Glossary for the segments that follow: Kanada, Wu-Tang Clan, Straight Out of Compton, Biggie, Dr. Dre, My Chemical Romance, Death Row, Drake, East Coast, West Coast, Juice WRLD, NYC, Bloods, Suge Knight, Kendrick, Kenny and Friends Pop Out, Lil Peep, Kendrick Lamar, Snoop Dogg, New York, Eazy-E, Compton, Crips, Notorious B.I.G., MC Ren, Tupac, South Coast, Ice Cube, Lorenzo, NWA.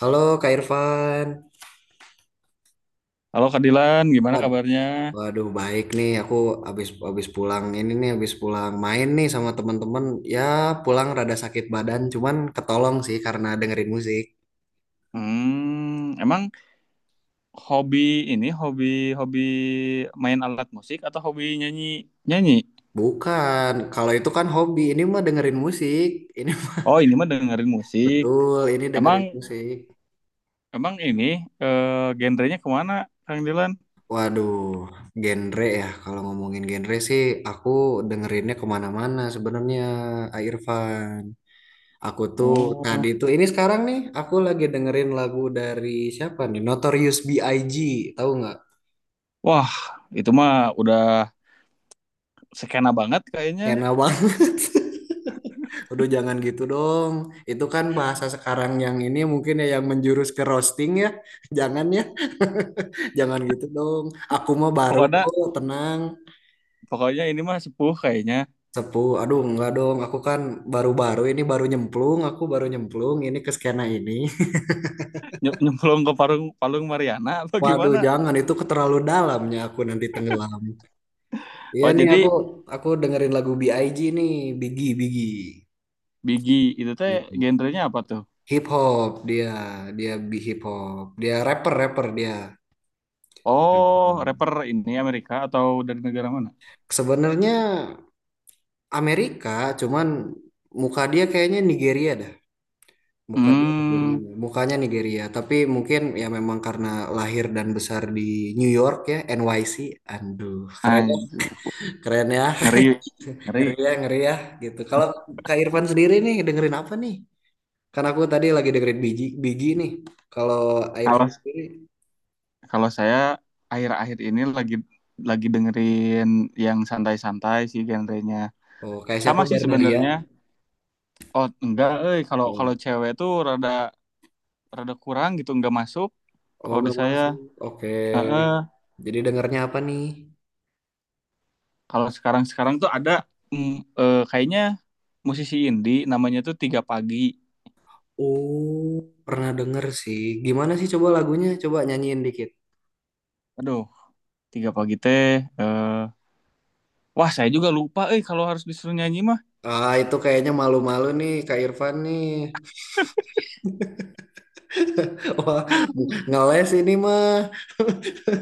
Halo Kak Irfan. Halo Kak Dilan, gimana Wad- kabarnya? Waduh, baik nih. Aku habis habis pulang ini nih, habis pulang main nih sama teman-teman. Ya, pulang rada sakit badan, cuman ketolong sih karena dengerin musik. Emang hobi ini hobi hobi main alat musik atau hobi nyanyi nyanyi? Bukan, kalau itu kan hobi. Ini mah dengerin musik. Ini Oh ini mah dengerin musik. betul, ini Emang dengerin musik. emang eh, genrenya kemana, Kang Dilan? Waduh, genre ya. Kalau ngomongin genre sih, aku dengerinnya kemana-mana sebenarnya, Kak Irfan. Aku tuh Oh, tadi tuh ini sekarang nih aku lagi dengerin lagu dari siapa nih? Notorious B.I.G. Tahu nggak? wah itu mah udah skena banget kayaknya. Enak banget. Aduh, jangan gitu dong. Itu kan bahasa sekarang yang ini mungkin ya yang menjurus ke roasting ya. Jangan ya. Jangan gitu dong. Aku mah baru Pokoknya kok, tenang. pokoknya ini mah sepuh kayaknya. Sepuh. Aduh, enggak dong. Aku kan baru-baru ini baru nyemplung, aku baru nyemplung ini ke skena ini. Nyemplung ke Parung Palung Mariana apa Waduh, gimana? jangan itu keterlalu dalamnya aku nanti tenggelam. Iya Oh nih aku jadi aku dengerin lagu B.I.G nih, Biggie Biggie. Bigi itu teh Gitu. genrenya apa tuh? Hip hop dia, dia bi hip hop. Dia rapper rapper dia. Oh, Hmm. rapper ini Amerika atau dari negara mana? Sebenarnya Amerika, cuman muka dia kayaknya Nigeria dah. Muka dia Nigeria, Hmm, mukanya Nigeria. Tapi mungkin ya memang karena lahir dan besar di New York ya, NYC. Aduh, keren ya, anjir. keren ya, Ngeri, ngeri. Ngeri ya, gitu. Kalau Kak Irfan sendiri nih dengerin apa nih? Kan aku tadi lagi dengerin Biji, Biji nih. Kalau Airvan Kalau sendiri, kalau saya akhir-akhir ini lagi dengerin yang santai-santai sih genrenya. oh kayak siapa Sama sih Bernadia? sebenarnya. Oh, enggak, kalau kalau Oh, cewek tuh rada rada kurang gitu, enggak masuk. oh Kalau di gak saya, masuk. Oke. heeh. Jadi dengernya apa nih? Kalau sekarang-sekarang tuh ada mm, kayaknya musisi indie namanya tuh Tiga Pagi. Oh, pernah denger sih. Gimana sih coba lagunya? Coba nyanyiin dikit. Aduh, Tiga Pagi teh, eh wah, saya juga lupa kalau harus disuruh nyanyi mah. Ah, itu kayaknya malu-malu nih Kak Irfan nih. Wah, ngeles ini mah.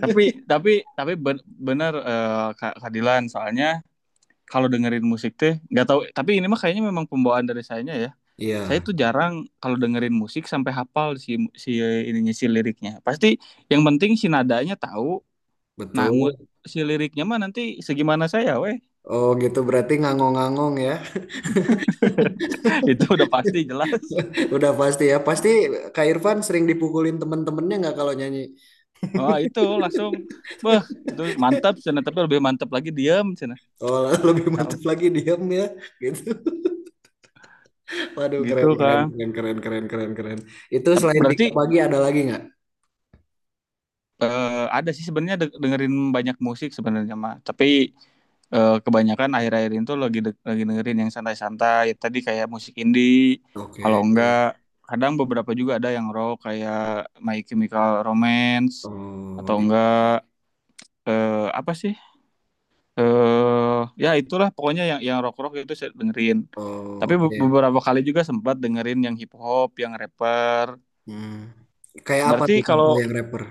Tapi tapi tapi bener Kak Kak Dilan, soalnya kalau dengerin musik teh nggak tahu, tapi ini mah kayaknya memang pembawaan dari saya ya. Saya Iya, tuh jarang kalau dengerin musik sampai hafal si si ininya, si liriknya. Pasti yang penting si nadanya tahu. Nah, betul. si liriknya mah nanti segimana saya weh. Oh gitu berarti ngangong-ngangong ya. Itu udah pasti jelas. Udah pasti ya. Pasti Kak Irfan sering dipukulin temen-temennya nggak kalau nyanyi? Oh, itu langsung beh, itu mantap, cina. Tapi lebih mantap lagi diam, cina. Oh, lebih Tahu. mantap lagi diam ya, gitu. Waduh, Gitu, keren, keren, kan. keren, keren, keren, keren, keren. Itu selain Berarti tiga pagi ada lagi nggak? eh, ada sih sebenarnya dengerin banyak musik sebenarnya mah, tapi kebanyakan akhir-akhir itu lagi lagi dengerin yang santai-santai tadi kayak musik indie. Oke, Kalau enggak, kadang beberapa juga ada yang rock kayak My Chemical Romance, oh, atau gitu. enggak eh, apa sih eh ya itulah pokoknya yang rock rock itu saya dengerin. Oh, Tapi oke. beberapa kali juga sempat dengerin yang hip hop, yang rapper. Hmm. Kayak apa Berarti tuh contoh kalau yang rapper?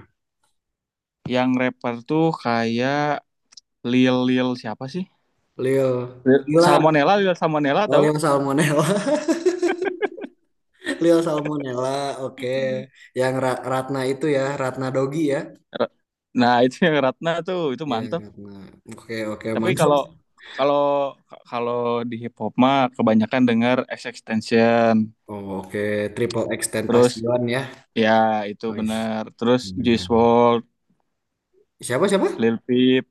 yang rapper tuh kayak Lil Lil siapa sih? Leo, Lila, Lil Salmonella, oh tahu? Leo Salmonella, Leo Salmonella, oke. Yang Ratna itu ya, Ratna Dogi ya, Ra- Nah, itu yang Ratna tuh, itu ya mantep. Ratna. Oke, oke, Tapi mantap. kalau kalau kalau di hip hop mah kebanyakan denger Extension. Oh, oke, Triple X Terus Tentacion ya. ya itu Wih, bener. Terus keren, Juice keren. WRLD, Siapa siapa? Lil Peep,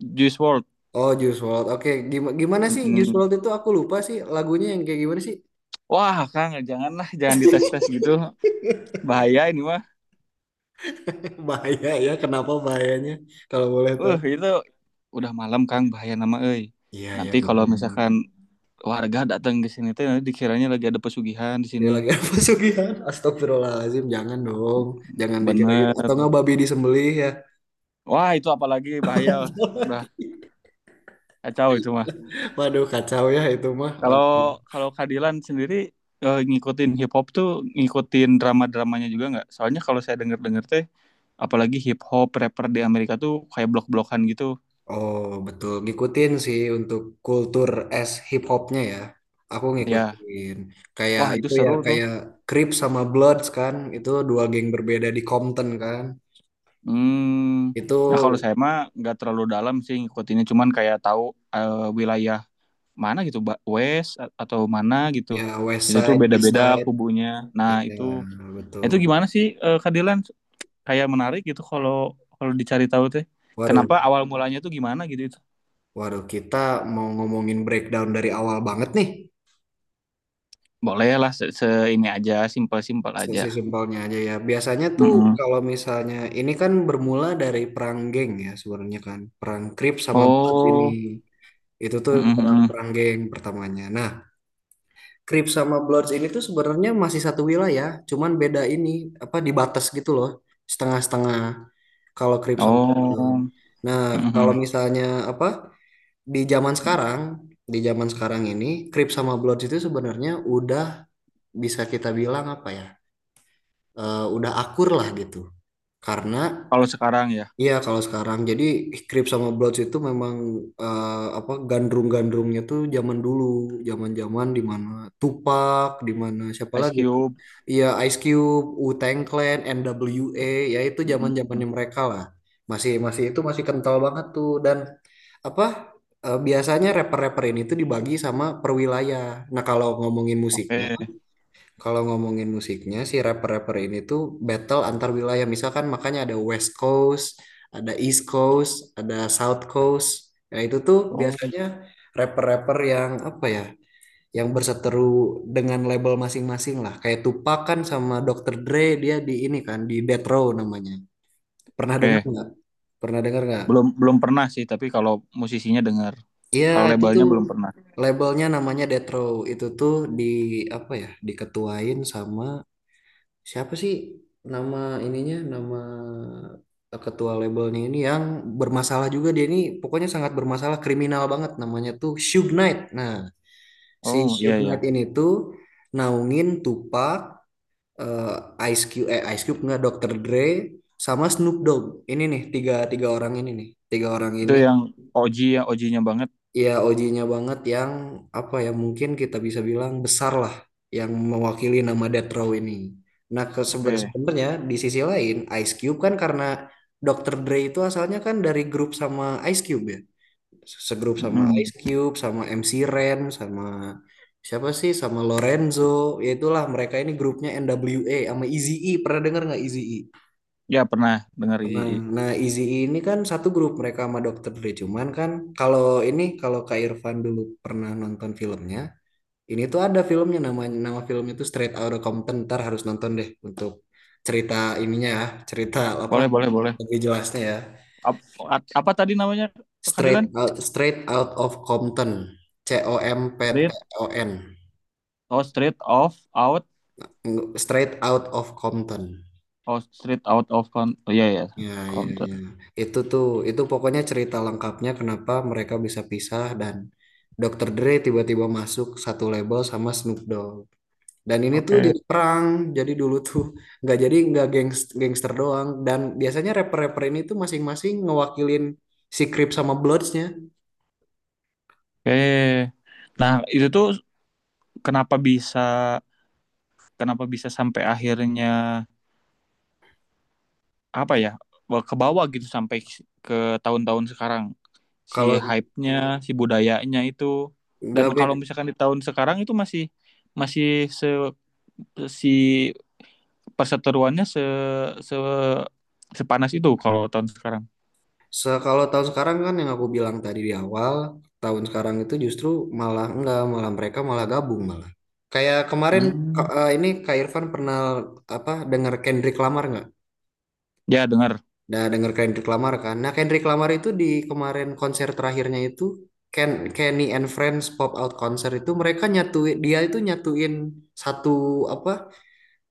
Juice WRLD. Oh, Juice WRLD. Oke, Gimana sih Juice Mm-mm. WRLD itu? Aku lupa sih lagunya yang kayak gimana sih? Wah, Kang, janganlah, jangan dites-tes gitu. Bahaya ini mah. Bahaya ya, kenapa bahayanya? Kalau boleh Uh, tahu. itu udah malam, Kang, bahaya nama euy. Iya, iya Nanti kalau betul. misalkan warga datang ke sini teh, nanti dikiranya lagi ada pesugihan di Ya sini. lagi apa sugihan? Astagfirullahaladzim, jangan dong. Jangan dikira gitu. Atau Bener. nggak babi disembelih ya. Wah, itu apalagi bahaya. Udah kacau itu mah. Waduh, kacau ya itu mah. Kalau Waduh. kalau Kadilan sendiri ngikutin hip hop tuh, ngikutin drama-dramanya juga nggak? Soalnya kalau saya denger-denger teh, apalagi hip hop rapper di Amerika tuh kayak blok-blokan gitu. Oh, betul. Ngikutin sih untuk kultur es hip hopnya ya. Aku Ya, ngikutin. Kayak wah itu itu ya, seru tuh. kayak Crips sama Bloods kan. Itu dua geng berbeda di Compton kan. Hmm. Itu Nah, kalau saya mah nggak terlalu dalam sih ngikutinnya, cuman kayak tahu eh, wilayah mana gitu, West atau mana gitu, ya West itu tuh Side, East beda-beda Side. kubunya. Nah Iya, itu betul. itu gimana sih Kak Dilan, kayak menarik gitu kalau kalau dicari tahu teh Waduh, kenapa awal mulanya tuh gimana gitu itu. waduh. Kita mau ngomongin breakdown dari awal banget nih. Boleh lah, se, se- ini aja, simpel-simpel aja. Sesi simpelnya aja ya. Biasanya tuh Mm-mm. kalau misalnya ini kan bermula dari perang geng ya sebenarnya kan. Perang Crips sama Bloods ini. Oh. Itu tuh perang, Mm-mm. perang geng pertamanya. Nah, Crips sama Bloods ini tuh sebenarnya masih satu wilayah, cuman beda ini apa di batas gitu loh, setengah-setengah kalau Crips sama Oh. Bloods. Nah, kalau Mm-mm. misalnya apa di zaman sekarang, di zaman sekarang ini Crips sama Bloods itu sebenarnya udah bisa kita bilang apa ya? Udah akur lah gitu. Karena. Kalau sekarang ya. Iya, kalau sekarang jadi Crips sama Bloods itu memang eh, apa gandrung-gandrungnya tuh zaman dulu, zaman-zaman di mana Tupac, di mana siapa Ice lagi tuh? Cube. Iya, Ice Cube, Wu-Tang Clan, NWA, ya itu zaman-zamannya Mm-mm. mereka lah. Masih masih itu masih kental banget tuh dan apa biasanya rapper-rapper ini tuh dibagi sama perwilayah. Nah, kalau ngomongin musiknya Oke. kalau ngomongin musiknya si rapper-rapper ini tuh battle antar wilayah. Misalkan makanya ada West Coast, ada East Coast, ada South Coast. Nah itu tuh Oh, biasanya rapper-rapper yang apa ya, yang berseteru dengan label masing-masing lah. Kayak Tupac kan sama Dr. Dre dia di ini kan di Death Row namanya. Pernah dengar oke. nggak? Pernah dengar nggak? Belum belum pernah sih, tapi kalau musisinya dengar, Iya kalau itu labelnya tuh belum pernah. labelnya namanya Death Row. Itu tuh di apa ya, diketuain sama, siapa sih nama ininya, nama ketua labelnya ini yang bermasalah juga dia ini pokoknya sangat bermasalah, kriminal banget, namanya tuh Suge Knight. Nah, si Oh iya, Suge iya. Knight ini tuh naungin Tupac, eh Ice Cube nggak Dr. Dre sama Snoop Dogg. Ini nih tiga tiga orang ini nih, tiga orang Itu ini. yang OG ya, OG-nya banget. Iya, OG-nya banget yang apa ya mungkin kita bisa bilang besar lah yang mewakili nama Death Row ini. Nah, Oke. sebenarnya di sisi lain Ice Cube kan karena Dr. Dre itu asalnya kan dari grup sama Ice Cube ya. Segrup sama Mm. Ice Cube, sama MC Ren, sama siapa sih? Sama Lorenzo. Ya itulah mereka ini grupnya NWA sama Eazy-E. Pernah dengar nggak Eazy-E? Ya pernah dengar Nah, IJI. nah, Izzy ini kan satu grup mereka sama Dokter Dre. Cuman kan kalau kalau Kak Irfan dulu pernah nonton filmnya, ini tuh ada filmnya namanya, nama filmnya itu Straight Outta Compton. Ntar harus nonton deh untuk cerita ininya ya, cerita apa Boleh, boleh, boleh. lebih jelasnya ya. Apa tadi namanya, keadilan? Straight Out of Compton. C O M P T Street, O N. oh street of out, Straight Out of Compton. oh street out of con, oh iya ya, Ya, ya, counter. ya. Itu tuh, itu pokoknya cerita lengkapnya kenapa mereka bisa pisah dan Dokter Dre tiba-tiba masuk satu label sama Snoop Dogg. Dan ini tuh Oke, jadi perang. Jadi dulu tuh nggak jadi nggak gangs, gangster doang. Dan biasanya rapper-rapper ini tuh masing-masing ngewakilin si Crip sama Bloods-nya. oke. Nah itu tuh, kenapa bisa, kenapa bisa sampai akhirnya apa ya, ke bawah gitu sampai ke tahun-tahun sekarang. Si Kalau hype-nya, si budayanya itu. Dan nggak kalau beda, misalkan di tahun sekarang itu masih masih se si perseteruannya se, se sepanas itu kalau tahun sekarang. Kalau tahun sekarang kan yang aku bilang tadi di awal, tahun sekarang itu justru malah enggak, malah mereka malah gabung malah. Kayak kemarin Hmm. Ini Kak Irfan pernah apa dengar Kendrick Lamar nggak? Ya dengar. Nah, dengar Kendrick Lamar kan. Nah, Kendrick Lamar itu di kemarin konser terakhirnya itu Ken, Kenny and Friends Pop Out konser itu mereka nyatuin, dia itu nyatuin satu apa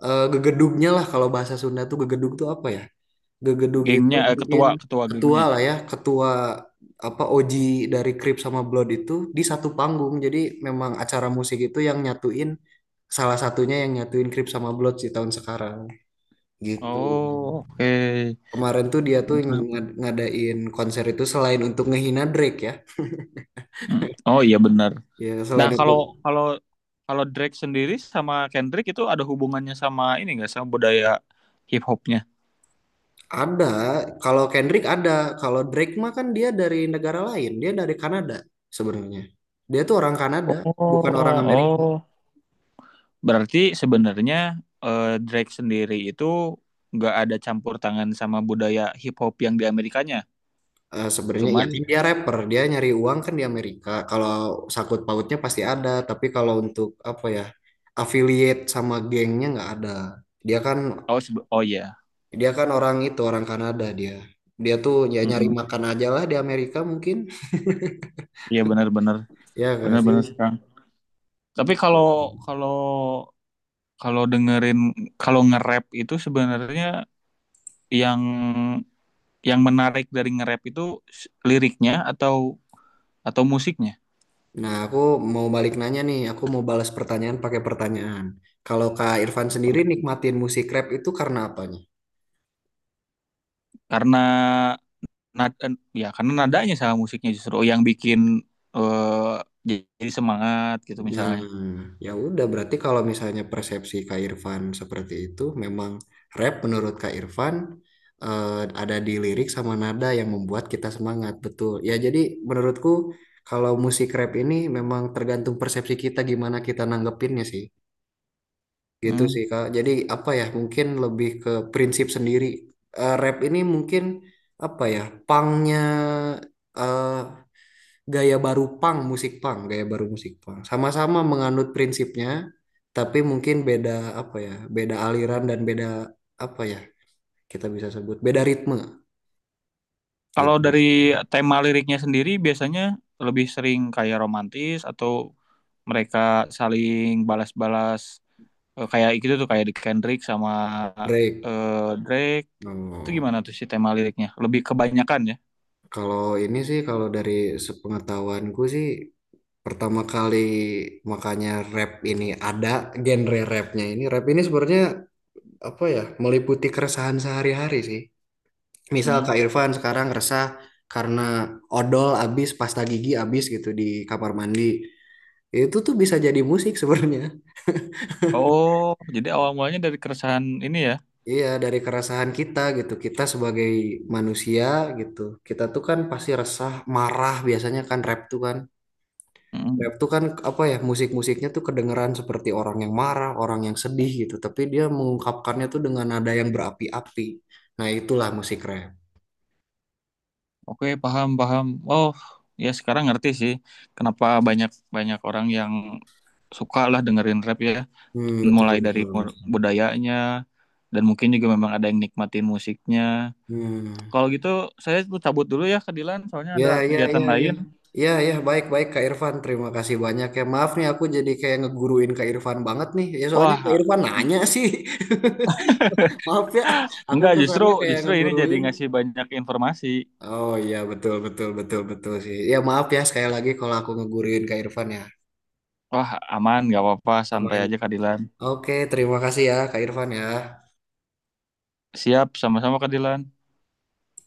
gegedugnya lah, kalau bahasa Sunda tuh gegedug tuh apa ya? Gegedug itu Gengnya, mungkin ketua ketua ketua gengnya. lah ya, ketua apa OG dari Krip sama Blood itu di satu panggung. Jadi memang acara musik itu yang nyatuin, salah satunya yang nyatuin Krip sama Blood di tahun sekarang gitu. Oh, oke. Kemarin tuh dia tuh Hmm. Ngadain konser itu selain untuk ngehina Drake ya. Oh iya, benar. Ya Nah selain itu kalau kalau kalau Drake sendiri sama Kendrick itu ada hubungannya sama ini nggak, sama budaya hip hopnya? ada, kalau Kendrick ada, kalau Drake mah kan dia dari negara lain, dia dari Kanada sebenarnya. Dia tuh orang Oh, Kanada, bukan orang Amerika. oh. Berarti sebenarnya Drake sendiri itu nggak ada campur tangan sama budaya hip hop yang di Amerikanya. Sebenarnya ya kan Cuman dia rapper, dia nyari uang kan di Amerika. Kalau sakut pautnya pasti ada, tapi kalau untuk apa ya affiliate sama gengnya nggak ada. Dia kan Oh, oh iya. dia kan orang itu orang Kanada dia. Dia tuh ya nyari Mm-mm. makan aja lah di Amerika mungkin. Iya, benar-benar Ya gak benar-benar sih? sekarang. Tapi kalau kalau kalau dengerin kalau nge-rap itu sebenarnya yang yang menarik dari nge-rap itu liriknya atau musiknya. Nah, aku mau balik nanya nih, aku mau balas pertanyaan pakai pertanyaan. Kalau Kak Irfan sendiri nikmatin musik rap itu karena apanya? Karena nada karena nadanya sama musiknya justru, oh, yang bikin eh, jadi semangat gitu Nah, misalnya. ya udah berarti kalau misalnya persepsi Kak Irfan seperti itu, memang rap menurut Kak Irfan eh, ada di lirik sama nada yang membuat kita semangat, betul. Ya jadi menurutku kalau musik rap ini memang tergantung persepsi kita gimana kita nanggepinnya sih. Gitu Hmm. sih Kak. Jadi apa ya, mungkin lebih ke prinsip sendiri. Rap ini mungkin apa ya, pangnya eh, gaya baru punk, musik punk, gaya baru musik punk. Sama-sama menganut prinsipnya, tapi mungkin beda apa ya, beda aliran dan beda apa ya, kita bisa sebut beda ritme Kalau gitu. dari tema liriknya sendiri biasanya lebih sering kayak romantis, atau mereka saling balas-balas kayak gitu tuh kayak di Kendrick sama Break. eh, Drake itu Oh, gimana tuh si tema liriknya lebih kebanyakan ya. kalau ini sih kalau dari sepengetahuanku sih pertama kali makanya rap ini ada genre rapnya, ini rap ini sebenarnya apa ya, meliputi keresahan sehari-hari sih. Misal Hmm. Kak Irfan sekarang resah karena odol habis, pasta gigi habis gitu di kamar mandi. Itu tuh bisa jadi musik sebenarnya. Oh jadi awal mulanya dari keresahan ini ya. Iya, dari keresahan kita gitu. Kita sebagai manusia gitu. Kita tuh kan pasti resah, marah biasanya kan rap tuh kan. Hmm. Rap tuh kan apa ya, musik-musiknya tuh kedengeran seperti orang yang marah, orang yang sedih gitu. Tapi dia mengungkapkannya tuh dengan nada yang berapi-api. Nah, itulah musik rap. Oke, paham paham. Oh ya, sekarang ngerti sih, kenapa banyak banyak orang yang suka lah dengerin rap ya, Hmm, mulai betul, dari betul. Budayanya, dan mungkin juga memang ada yang nikmatin musiknya. Hmm. Kalau gitu saya tuh cabut dulu ya ke Dilan, soalnya Ya, ada ya, kegiatan ya, ya. lain. Ya, ya, baik-baik Kak Irfan. Terima kasih banyak ya. Maaf nih aku jadi kayak ngeguruin Kak Irfan banget nih. Ya soalnya Kak Wah, Irfan nanya sih. Maaf ya, aku enggak, justru kesannya kayak justru ini jadi ngeguruin. ngasih banyak informasi. Oh iya, betul, betul, betul, betul sih. Ya maaf ya sekali lagi kalau aku ngeguruin Kak Irfan ya. Wah, aman, nggak apa-apa, santai Aman. aja Kadilan. Oke, terima kasih ya Kak Irfan ya. Siap, sama-sama Kadilan.